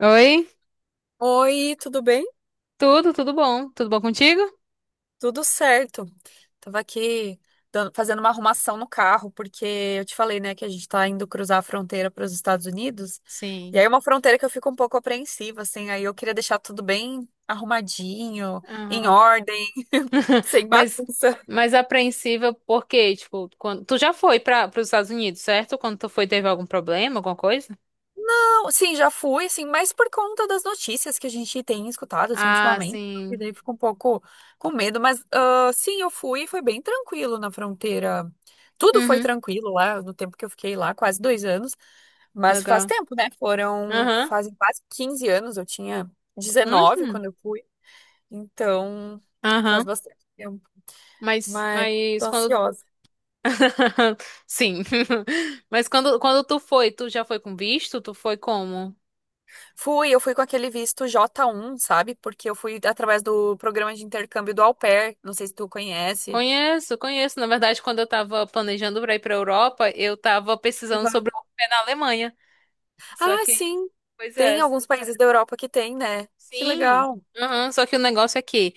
Oi, Oi, tudo bem? tudo bom? Tudo bom contigo? Tudo certo. Tava aqui fazendo uma arrumação no carro, porque eu te falei, né, que a gente tá indo cruzar a fronteira para os Estados Unidos. E Sim. aí é uma fronteira que eu fico um pouco apreensiva, assim, aí eu queria deixar tudo bem arrumadinho, em Aham. ordem, sem Mas, bagunça. mas apreensiva por quê? Tipo, quando tu já foi para os Estados Unidos, certo? Quando tu foi, teve algum problema, alguma coisa? Sim, já fui, assim, mas por conta das notícias que a gente tem escutado, assim, Ah, ultimamente, e sim. daí fico um pouco com medo, mas sim, eu fui, e foi bem tranquilo na fronteira. Tudo foi Uhum, tranquilo lá, no tempo que eu fiquei lá, quase 2 anos, mas faz legal. tempo, né? Foram, Aham. fazem quase 15 anos, eu tinha 19 Uhum. quando eu fui, então faz Aham. bastante tempo, Mas, mas tô mas quando ansiosa. Sim. Mas quando tu foi, tu já foi com visto? Tu foi como? Fui, eu fui com aquele visto J1, sabe? Porque eu fui através do programa de intercâmbio do Au Pair, não sei se tu conhece. Conheço, conheço. Na verdade, quando eu tava planejando pra ir pra Europa, eu tava pesquisando Legal. sobre o pé na Alemanha. Só Ah, que, sim. pois é. Tem alguns países da Europa que tem, né? Que Sim. legal. Aham, só que o negócio é que,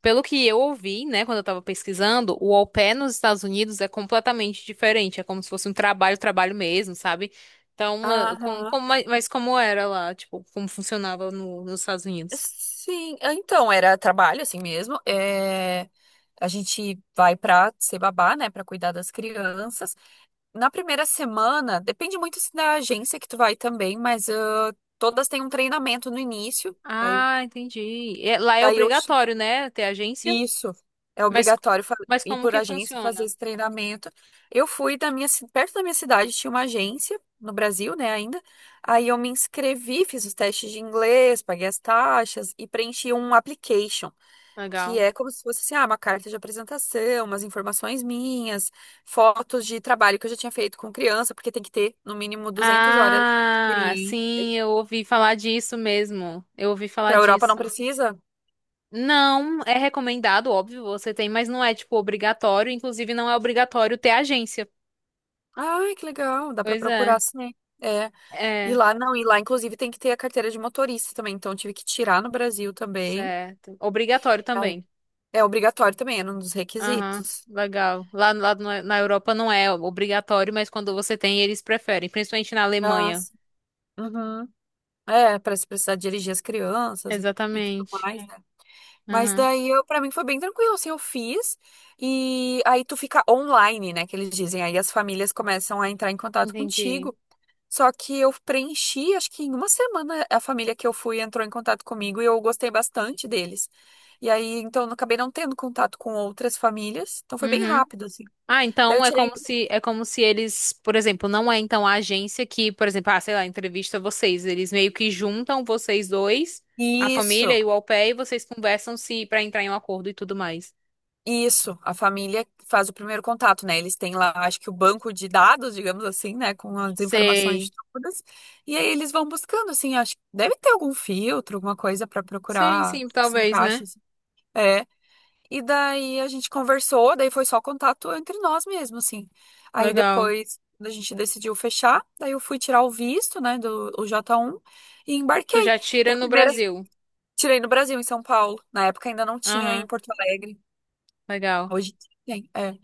pelo que eu ouvi, né, quando eu tava pesquisando, o au pair nos Estados Unidos é completamente diferente. É como se fosse um trabalho, trabalho mesmo, sabe? Então, como, Aham. como, mas como era lá, tipo, como funcionava no, nos Estados Unidos? Sim, ah, então era trabalho assim mesmo. É... A gente vai pra ser babá, né, pra cuidar das crianças. Na primeira semana, depende muito se da agência que tu vai também, mas todas têm um treinamento no início. Daí, Ah, entendi. É, lá é daí eu. obrigatório, né, ter agência? Isso. É Mas, obrigatório mas ir como por que agência e fazer funciona? esse treinamento. Eu fui da minha, perto da minha cidade, tinha uma agência no Brasil, né, ainda. Aí eu me inscrevi, fiz os testes de inglês, paguei as taxas e preenchi um application, que Legal. é como se fosse assim, uma carta de apresentação, umas informações minhas, fotos de trabalho que eu já tinha feito com criança, porque tem que ter no mínimo 200 horas de Ah, experiência. sim, eu ouvi falar disso mesmo. Eu ouvi falar Para Europa não disso. precisa? Não, é recomendado, óbvio, você tem, mas não é, tipo, obrigatório. Inclusive, não é obrigatório ter agência. Ai, que legal, dá para Pois é, procurar sim. É. E é, lá, não, e lá, inclusive, tem que ter a carteira de motorista também. Então, eu tive que tirar no Brasil também. certo. Obrigatório Aí, também. é obrigatório também, era um dos Aham, requisitos. legal. Lá, lá na Europa não é obrigatório, mas quando você tem, eles preferem, principalmente na Ah, Alemanha. sim. Uhum. É, para se precisar dirigir as crianças e tudo Exatamente. mais, né? Mas Aham, daí, eu, para mim, foi bem tranquilo, assim, eu fiz. E aí, tu fica online, né, que eles dizem. Aí, as famílias começam a entrar em contato entendi. contigo. Só que eu preenchi, acho que em uma semana a família que eu fui entrou em contato comigo e eu gostei bastante deles. E aí, então, eu acabei não tendo contato com outras famílias. Então, foi bem Uhum. rápido, assim. Ah, Daí eu então é tirei. como se eles, por exemplo, não é então a agência que, por exemplo, ah, sei lá, entrevista vocês, eles meio que juntam vocês dois, a família Isso, e o au pair, e vocês conversam se para entrar em um acordo e tudo mais. isso. A família faz o primeiro contato, né? Eles têm lá, acho que o banco de dados, digamos assim, né? Com as informações Sei. todas. E aí eles vão buscando, assim. Acho que deve ter algum filtro, alguma coisa para Sim, procurar sim, se talvez, né? encaixa, assim. É. E daí a gente conversou, daí foi só contato entre nós mesmo, assim. Aí Legal. depois quando a gente decidiu fechar, daí eu fui tirar o visto, né, do o J1 e Tu embarquei. já tira Daí a no primeira, Brasil. tirei no Brasil, em São Paulo. Na época ainda não tinha em Aham, Porto Alegre. legal. Hoje tem, é.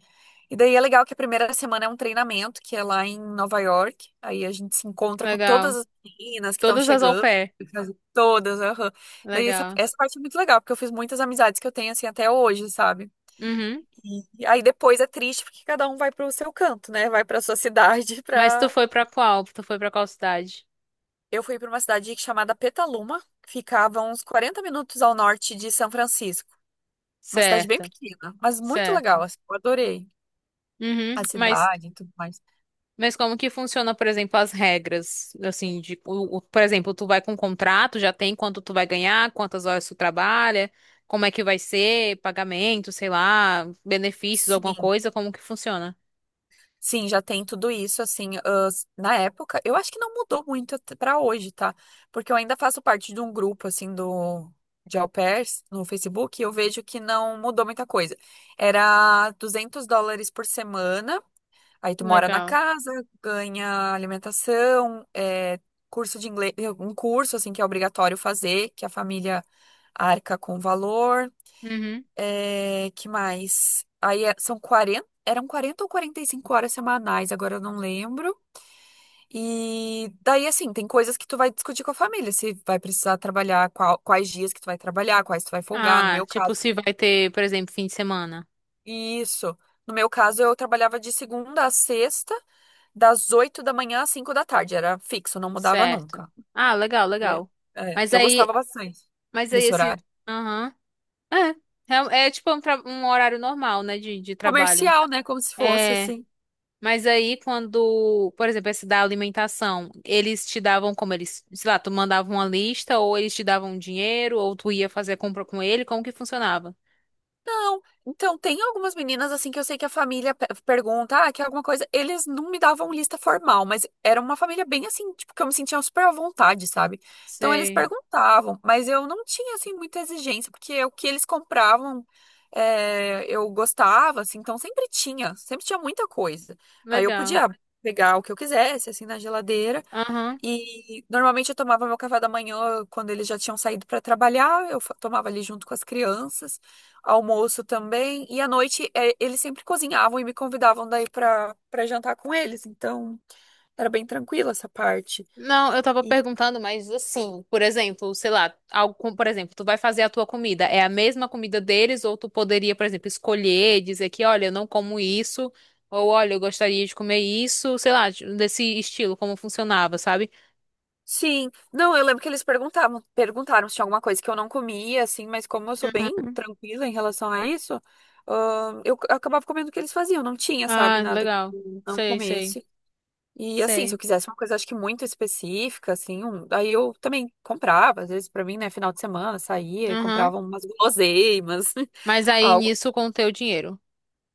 E daí é legal que a primeira semana é um treinamento, que é lá em Nova York. Aí a gente se encontra com todas Legal. as meninas que estão Todas as au chegando. pair. Todas, aham. Daí essa, Legal. essa parte é muito legal, porque eu fiz muitas amizades que eu tenho, assim, até hoje, sabe? Uhum. E aí depois é triste porque cada um vai pro seu canto, né? Vai pra sua cidade, Mas tu pra. foi pra qual? Tu foi pra qual cidade? Eu fui pra uma cidade chamada Petaluma, que ficava uns 40 minutos ao norte de São Francisco. Uma cidade bem Certo, pequena, mas muito legal, certo. assim, eu adorei Uhum. a Mas cidade e tudo mais. Como que funciona, por exemplo, as regras? Assim, por exemplo, tu vai com um contrato, já tem quanto tu vai ganhar, quantas horas tu trabalha, como é que vai ser, pagamento, sei lá, benefícios, alguma Sim. coisa, como que funciona? Sim, já tem tudo isso, assim, na época, eu acho que não mudou muito pra hoje, tá? Porque eu ainda faço parte de um grupo, assim, do, de au pairs no Facebook, e eu vejo que não mudou muita coisa. Era US$ 200 por semana, aí tu mora na Legal. casa, ganha alimentação, é, curso de inglês, um curso, assim, que é obrigatório fazer, que a família arca com o valor. Uhum. É, que mais? Aí são 40 eram 40 ou 45 horas semanais, agora eu não lembro. E daí, assim, tem coisas que tu vai discutir com a família, se vai precisar trabalhar, quais dias que tu vai trabalhar, quais tu vai folgar, no Ah, meu tipo, caso. se vai ter, por exemplo, fim de semana. Isso. No meu caso, eu trabalhava de segunda a sexta, das 8 da manhã às 5 da tarde, era fixo, não mudava Certo. nunca. Ah, legal, E eu legal. é, Mas eu aí, gostava bastante mas aí desse esse. horário. Aham. É, é, é tipo um horário normal, né, de trabalho. Comercial, né? Como se fosse É. assim. Mas aí, quando, por exemplo, esse da alimentação, eles te davam como eles, sei lá, tu mandava uma lista, ou eles te davam dinheiro, ou tu ia fazer a compra com ele, como que funcionava? Não, então tem algumas meninas assim que eu sei que a família pergunta, quer alguma coisa? Eles não me davam lista formal, mas era uma família bem assim, tipo, que eu me sentia super à vontade, sabe? Então eles Sei, perguntavam, mas eu não tinha assim muita exigência, porque o que eles compravam é, eu gostava, assim, então sempre tinha muita coisa. Aí eu legal. podia pegar o que eu quisesse, assim, na geladeira. Aham. E normalmente eu tomava meu café da manhã quando eles já tinham saído para trabalhar, eu tomava ali junto com as crianças, almoço também, e à noite eles sempre cozinhavam e me convidavam daí para jantar com eles, então era bem tranquila essa parte. Não, eu tava E- perguntando, mas assim, por exemplo, sei lá, por exemplo, tu vai fazer a tua comida, é a mesma comida deles, ou tu poderia, por exemplo, escolher, dizer que, olha, eu não como isso, ou olha, eu gostaria de comer isso, sei lá, desse estilo, como funcionava, sabe? sim, não, eu lembro que eles perguntavam, perguntaram se tinha alguma coisa que eu não comia, assim, mas como eu sou bem tranquila em relação a isso, eu acabava comendo o que eles faziam, não tinha, sabe, Ah, nada que legal. eu não Sei, sei. comesse. E assim, se eu Sei. quisesse uma coisa, acho que muito específica, assim, aí eu também comprava, às vezes pra mim, né, final de semana, saía e Aham. comprava umas guloseimas, Mas aí algo. nisso com o teu dinheiro.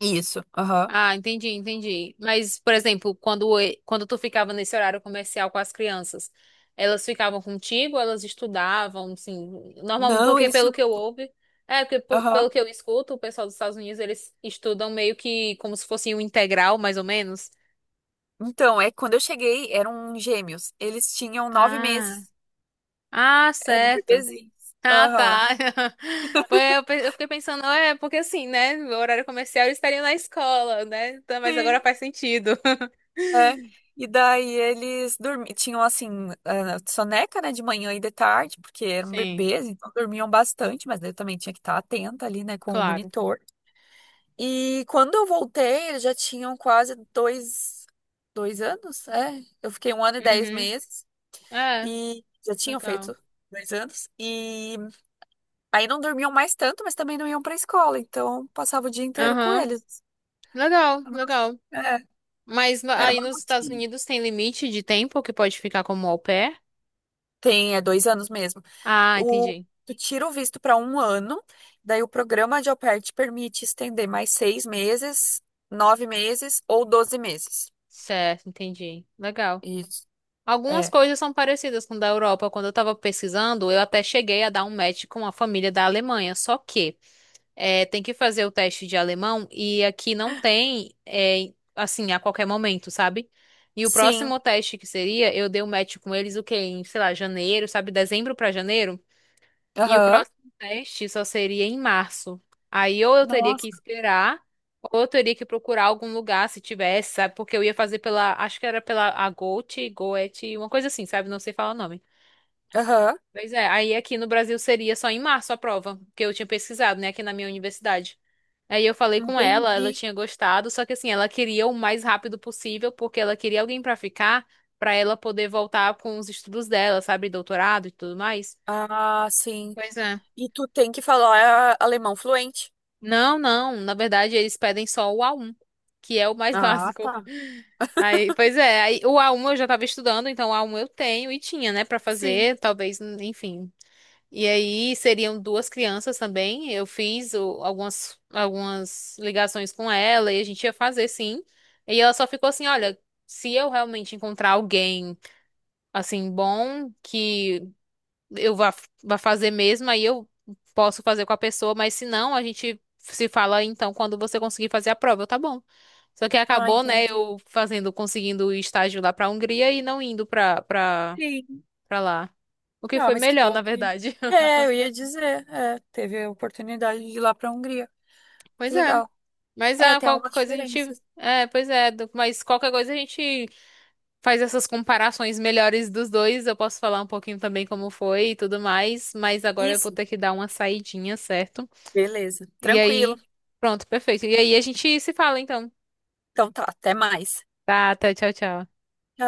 Isso, aham. Ah, entendi, entendi. Mas, por exemplo, quando tu ficava nesse horário comercial com as crianças, elas ficavam contigo, elas estudavam, assim, normalmente, Não, porque eles pelo tinham. que eu ouve, é, porque Aham. pelo que eu escuto, o pessoal dos Estados Unidos, eles estudam meio que como se fosse um integral, mais ou menos. Então, é que quando eu cheguei, eram gêmeos. Eles tinham nove Ah, meses. ah, Eram certo. bebezinhos. Ah, Aham. tá. Pois eu fiquei pensando, é, porque assim, né? O horário comercial eles estariam na escola, né? Então, mas agora Sim, faz sentido. é. E daí eles dormiam, tinham assim, soneca, né, de manhã e de tarde, porque eram Sim, bebês, então dormiam bastante, mas eu também tinha que estar atenta ali, né, com o claro. monitor. E quando eu voltei, eles já tinham quase dois anos, é. Eu fiquei um ano e dez Uhum. meses É, e já tinham legal. feito 2 anos. E aí não dormiam mais tanto, mas também não iam pra escola, então passava o dia inteiro com Aham. eles. Legal, legal. É, era Aí uma nos Estados rotina. Unidos tem limite de tempo que pode ficar como au pair? Tem, é 2 anos mesmo. Ah, O, entendi. tu tira o visto para 1 ano, daí o programa de au pair te permite estender mais 6 meses, 9 meses ou 12 meses. Certo, entendi. Legal. Isso. Algumas É. coisas são parecidas com da Europa. Quando eu tava pesquisando, eu até cheguei a dar um match com a família da Alemanha. Só que é, tem que fazer o teste de alemão e aqui não tem, é, assim, a qualquer momento, sabe? E o Sim. próximo teste que seria, eu dei o match com eles o quê? Em, sei lá, janeiro, sabe? Dezembro pra janeiro. E o Aham. próximo teste só seria em março. Aí ou eu teria que Nossa. esperar, ou eu teria que procurar algum lugar se tivesse, sabe? Porque eu ia fazer pela, acho que era pela Agote, Goethe, uma coisa assim, sabe? Não sei falar o nome. Aham. Pois é, aí aqui no Brasil seria só em março a prova, que eu tinha pesquisado, né, aqui na minha universidade. Aí eu falei com ela, ela Entendi. tinha gostado, só que assim, ela queria o mais rápido possível, porque ela queria alguém pra ficar, pra ela poder voltar com os estudos dela, sabe, doutorado e tudo mais. Ah, sim. Pois é. E tu tem que falar alemão fluente. Não, na verdade eles pedem só o A1, que é o mais Ah, básico. tá. Aí, pois é, aí o A1 eu já tava estudando, então o A1 eu tenho e tinha, né, pra Sim. fazer, talvez, enfim, e aí seriam duas crianças também. Eu fiz algumas ligações com ela e a gente ia fazer sim. E ela só ficou assim, olha, se eu realmente encontrar alguém assim bom que eu vá, fazer mesmo, aí eu posso fazer com a pessoa, mas se não, a gente se fala então quando você conseguir fazer a prova, eu, tá bom. Só que Ah, acabou, né, entendi. eu fazendo, conseguindo o estágio lá pra Hungria e não indo Sim. pra lá. O que Ah, foi mas que melhor, bom na que. verdade. É, eu ia dizer. É, teve a oportunidade de ir lá pra Hungria. Que Pois é. legal. Mas É, tem qualquer algumas coisa a gente. diferenças. É, pois é, mas qualquer coisa a gente faz essas comparações melhores dos dois. Eu posso falar um pouquinho também como foi e tudo mais, mas agora eu vou Isso. ter que dar uma saidinha, certo? Beleza. E Tranquilo. aí, pronto, perfeito. E aí a gente se fala então. Então tá, até mais. Tá, tchau, tchau. Tchau.